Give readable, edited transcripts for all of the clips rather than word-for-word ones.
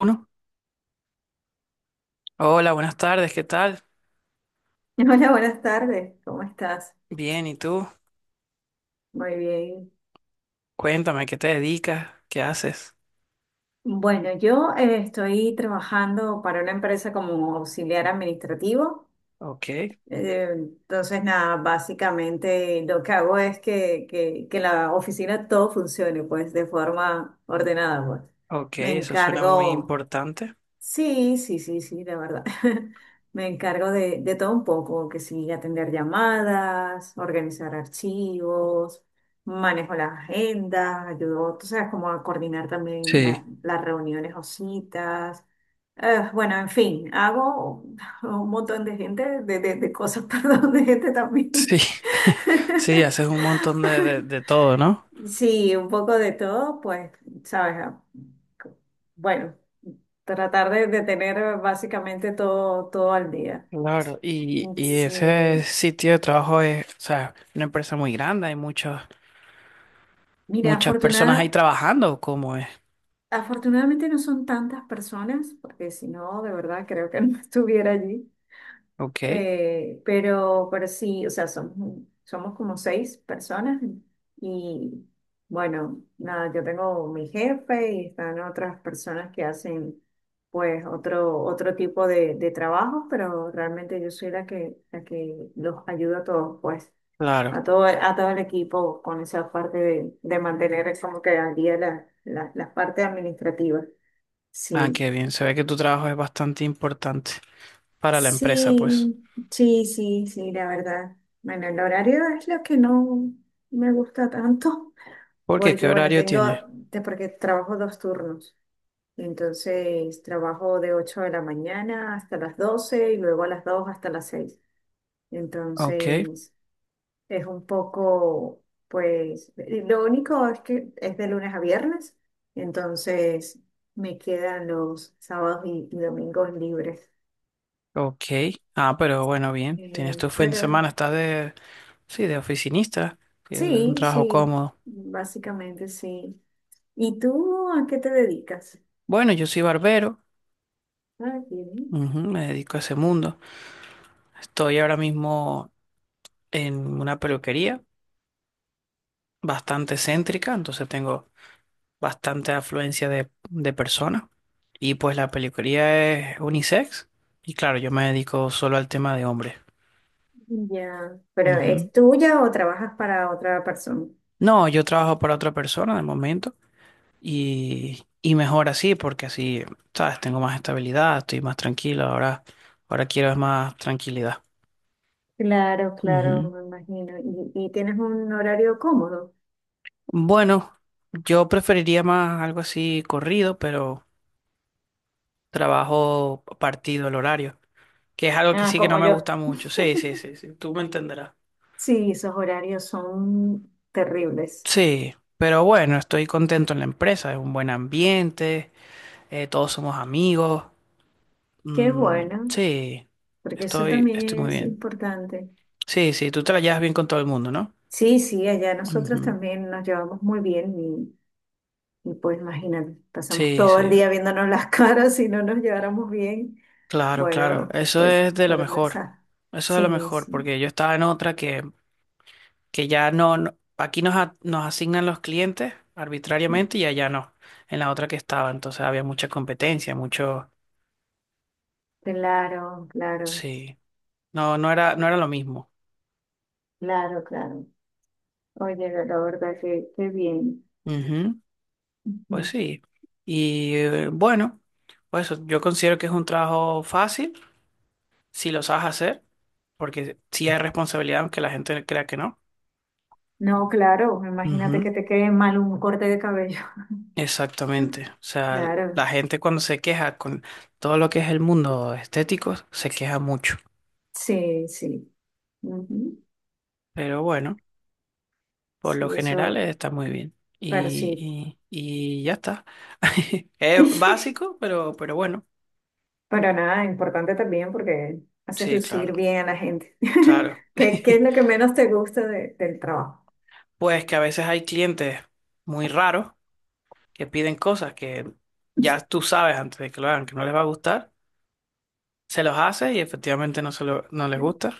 Uno. Hola, buenas tardes, ¿qué tal? Hola, buenas tardes. ¿Cómo estás? Bien, ¿y tú? Muy bien. Cuéntame, ¿qué te dedicas? ¿Qué haces? Bueno, yo estoy trabajando para una empresa como auxiliar administrativo. Ok, Entonces, nada, básicamente lo que hago es que la oficina todo funcione, pues, de forma ordenada, pues. ok, Me eso suena muy encargo importante. Sí, sí, sí, sí, la verdad. Me encargo de todo un poco, que sí, atender llamadas, organizar archivos, manejo las agendas, ayudo, tú sabes, como a coordinar también Sí, las reuniones o citas. Bueno, en fin, hago un montón de gente, de cosas, perdón, de gente sí, también. sí, haces un montón de, de todo, ¿no? Sí, un poco de todo, pues, sabes. Ah, bueno, tratar de tener básicamente todo, todo al día. Claro, y ese Sí. sitio de trabajo es, o sea, una empresa muy grande, hay Mira, muchas personas ahí trabajando, ¿cómo es? afortunadamente no son tantas personas, porque si no, de verdad creo que no estuviera allí. Ok, Pero sí, o sea, somos como seis personas y bueno, nada, yo tengo mi jefe y están otras personas que hacen pues otro tipo de trabajo, pero realmente yo soy la que los ayuda a todos, pues, claro. A todo el equipo con esa parte de mantener como que al día la parte administrativa. Ah, Sí. qué bien, se ve que tu trabajo es bastante importante para la empresa, pues. Sí, sí, sí, sí, la verdad. Bueno, el horario es lo que no me gusta tanto, ¿Por qué? ¿Qué porque bueno, horario tienes? Porque trabajo dos turnos. Entonces, trabajo de 8 de la mañana hasta las 12 y luego a las 2 hasta las 6. Ok. Entonces, es un poco, pues, lo único es que es de lunes a viernes, entonces me quedan los sábados y domingos libres. Ok. Ah, pero bueno, bien. Tienes Eh, tu fin de pero semana, estás de, sí, de oficinista, que es un Sí, trabajo sí, cómodo. básicamente sí. ¿Y tú a qué te dedicas? Bueno, yo soy barbero, Ah, bien. ujú, me dedico a ese mundo. Estoy ahora mismo en una peluquería bastante céntrica, entonces tengo bastante afluencia de personas. Y pues la peluquería es unisex, y claro, yo me dedico solo al tema de hombres. Ya, pero Ujú. ¿es tuya o trabajas para otra persona? No, yo trabajo para otra persona de momento. Y mejor así, porque así, ¿sabes? Tengo más estabilidad, estoy más tranquilo, ahora quiero es más tranquilidad. Claro, claro, Ujú. me imagino. ¿Y tienes un horario cómodo? Bueno, yo preferiría más algo así corrido, pero trabajo partido el horario, que es algo que Ah, sí que como no me gusta yo. mucho. Sí, sí, sí, sí, tú me entenderás. Sí, esos horarios son terribles. Sí, pero bueno, estoy contento en la empresa, es un buen ambiente, todos somos amigos. Qué Mm, bueno, sí, porque eso también estoy muy es bien. importante. Sí, sí, tú te la llevas bien con todo el mundo, ¿no? Sí, sí, allá nosotros Ujú. también nos llevamos muy bien. Y pues imagínate, pasamos Sí, todo el sí, día viéndonos las caras si no nos lleváramos bien. claro, claro. Bueno, Eso pues es de lo fueron de mejor. esa. Eso es de lo Sí, mejor, sí. porque yo estaba en otra que ya no, no- aquí nos, a- nos asignan los clientes arbitrariamente y allá no, en la otra que estaba. Entonces había mucha competencia, mucho. Claro, claro, Sí, no, no era, no era lo mismo. claro, claro. Oye, la verdad que qué bien. Ujú. Pues Ujú. sí. Y bueno, pues yo considero que es un trabajo fácil si lo sabes hacer, porque sí hay responsabilidad, aunque la gente crea que no. No, claro, imagínate que te quede mal un corte de cabello. Exactamente. O sea, Claro, la gente cuando se queja con todo lo que es el mundo estético, se queja mucho. sí, sí. Ujú. Pero bueno, por lo Sí, general eso, está muy bien. pero sí. Y ya está. Es básico, pero bueno. Pero nada, importante también porque haces Sí, lucir claro, bien a la gente. claro. ¿Qué, qué es lo que menos te gusta del trabajo? Pues que a veces hay clientes muy raros que piden cosas que ya tú sabes antes de que lo hagan que no les va a gustar, se los haces y efectivamente no, se lo- no les gusta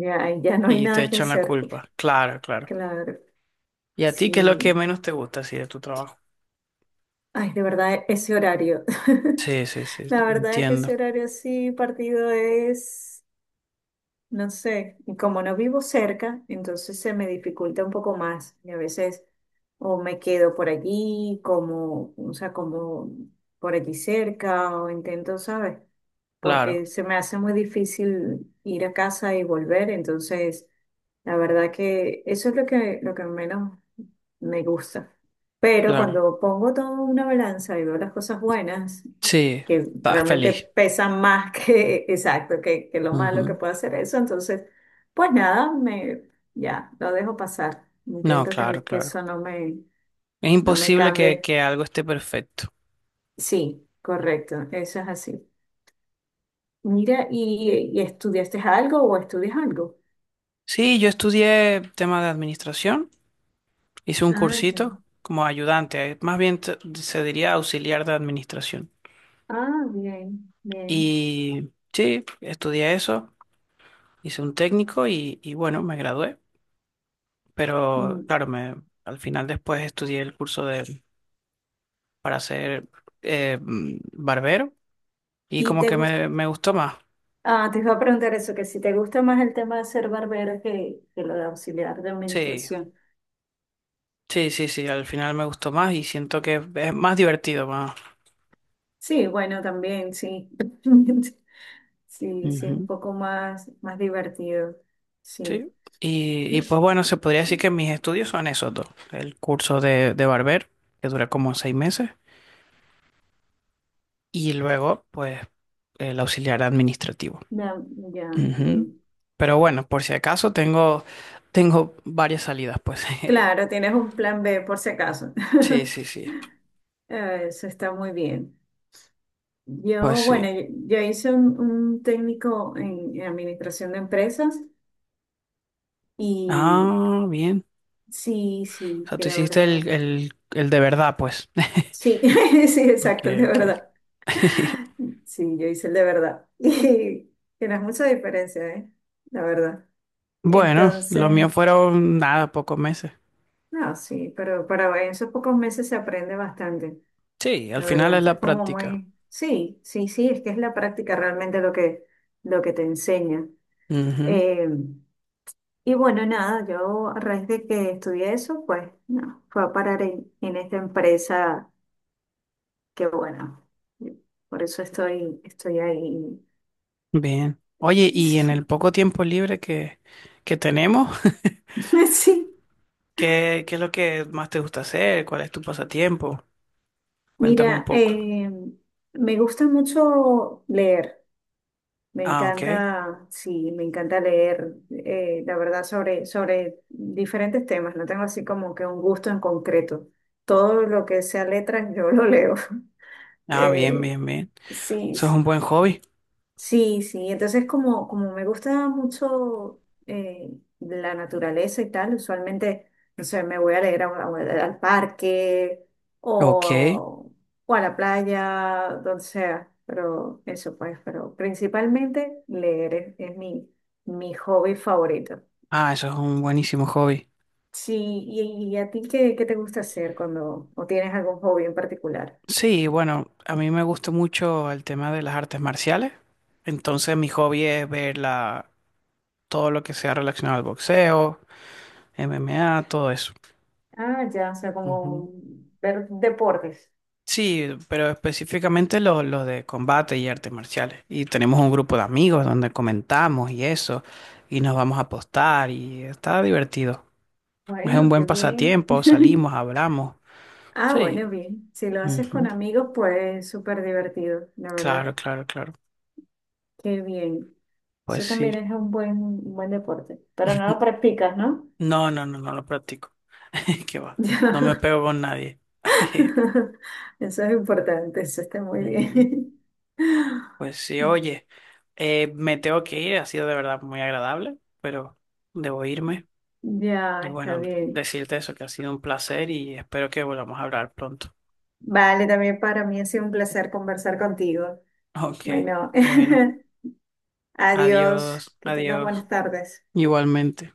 Ya, ya no hay y te nada que echan la hacer. culpa. Claro, claro. Claro, ¿Y a ti qué es lo que sí. menos te gusta así de tu trabajo? Ay, de verdad, ese horario. Sí, sí, sí, La verdad es que entiendo. ese horario así partido es... No sé, y como no vivo cerca, entonces se me dificulta un poco más. Y a veces o me quedo por allí, como, o sea, como por allí cerca, o intento, ¿sabes? Claro, Porque se me hace muy difícil ir a casa y volver. Entonces, la verdad que eso es lo que menos me gusta. Pero claro. cuando pongo todo en una balanza y veo las cosas buenas, Sí, que estás realmente feliz. pesan más que, exacto, que lo malo que Ujú. puede hacer eso, entonces, pues nada, me, ya, lo dejo pasar. No, Intento claro, que claro. eso no me, Es no me imposible cambie. que algo esté perfecto. Sí, correcto, eso es así. Mira, ¿y estudiaste algo o estudias algo? Sí, yo estudié tema de administración, hice un Ah, ya. cursito como ayudante, más bien te- se diría auxiliar de administración. Ah, bien, bien. Y sí, estudié eso, hice un técnico y bueno, me gradué. Pero Mm. claro, me, al final después estudié el curso de para ser barbero y ¿Y como te que gusta? me gustó más. Ah, te iba a preguntar eso, que si te gusta más el tema de ser barbero que lo de auxiliar de Sí, administración. sí, sí, sí, al final me gustó más y siento que es más divertido, más. Sí, bueno, también, sí. Sí, sí, es un Ujú. poco más, más divertido. Sí. Sí. Y Mi- pues bueno, se podría decir que mis estudios son esos dos. El curso de barbero, que dura como 6 meses, y luego, pues, el auxiliar administrativo. Ya, ya, Ujú. bien. Pero bueno, por si acaso tengo, tengo varias salidas, pues. Claro, tienes un plan B por si acaso. Sí, sí, sí. Eso está muy bien. Pues Yo, bueno, sí. yo hice un técnico en administración de empresas y Ah, bien. sí, O sí, sea, que tú la hiciste verdad. El de verdad, pues. Sí, sí, Ok, exacto, de ok. verdad. Sí, yo hice el de verdad. Y que no es mucha diferencia, ¿eh? La verdad. Bueno, los Entonces, míos fueron nada, pocos meses. no, sí, pero para en esos pocos meses se aprende bastante, Sí, al la verdad. final es Entonces, es la como práctica. muy, sí, sí, sí, es que es la práctica realmente lo que te enseña. Ujú. Eh, y bueno, nada, yo a raíz de que estudié eso, pues, no, fue a parar en esta empresa que, bueno, por eso estoy ahí. Bien. Oye, y en el Sí, poco tiempo libre que tenemos, sí. ¿qué, qué es lo que más te gusta hacer? ¿Cuál es tu pasatiempo? Cuéntame un Mira, poco. Me gusta mucho leer, me Ah, ok. encanta, sí, me encanta leer, la verdad, sobre diferentes temas, no tengo así como que un gusto en concreto. Todo lo que sea letras, yo lo leo. Ah, bien, Eh, bien, bien. sí. Eso es un buen hobby. Sí, sí, entonces como me gusta mucho eh, la naturaleza y tal, usualmente, no sé, me voy a leer al parque Ok. o, o a la playa, donde sea, pero eso pues, pero principalmente leer es mi hobby favorito. Ah, eso es un buenísimo hobby. Sí, y a ti qué, te gusta hacer cuando, o tienes algún hobby en particular? Sí, bueno, a mí me gusta mucho el tema de las artes marciales. Entonces mi hobby es ver la, todo lo que sea relacionado al boxeo, MMA, todo eso. Ah, ya, o sea, Ujú. como ver deportes. Sí, pero específicamente los de combate y artes marciales. Y tenemos un grupo de amigos donde comentamos y eso, y nos vamos a apostar y está divertido. Es un Bueno, qué buen bien. pasatiempo, salimos, hablamos. Ah, Sí. bueno, bien. Si lo haces con Ujú. amigos, pues súper divertido, la verdad. Claro, claro, claro. Qué bien. Pues Eso sí. también es un buen deporte. Pero no lo practicas, ¿no? No, no, no, no lo practico. Qué va. No me Ya. pego con nadie. Eso es importante, eso está muy Ujú. bien. Pues sí, oye, me tengo que ir. Ha sido de verdad muy agradable, pero debo irme. Ya, Y está bueno, bien. decirte eso, que ha sido un placer y espero que volvamos a hablar pronto. Vale, también para mí ha sido un placer conversar contigo. Ok, Bueno, bueno, adiós. adiós, Que tengas adiós. buenas tardes. Igualmente.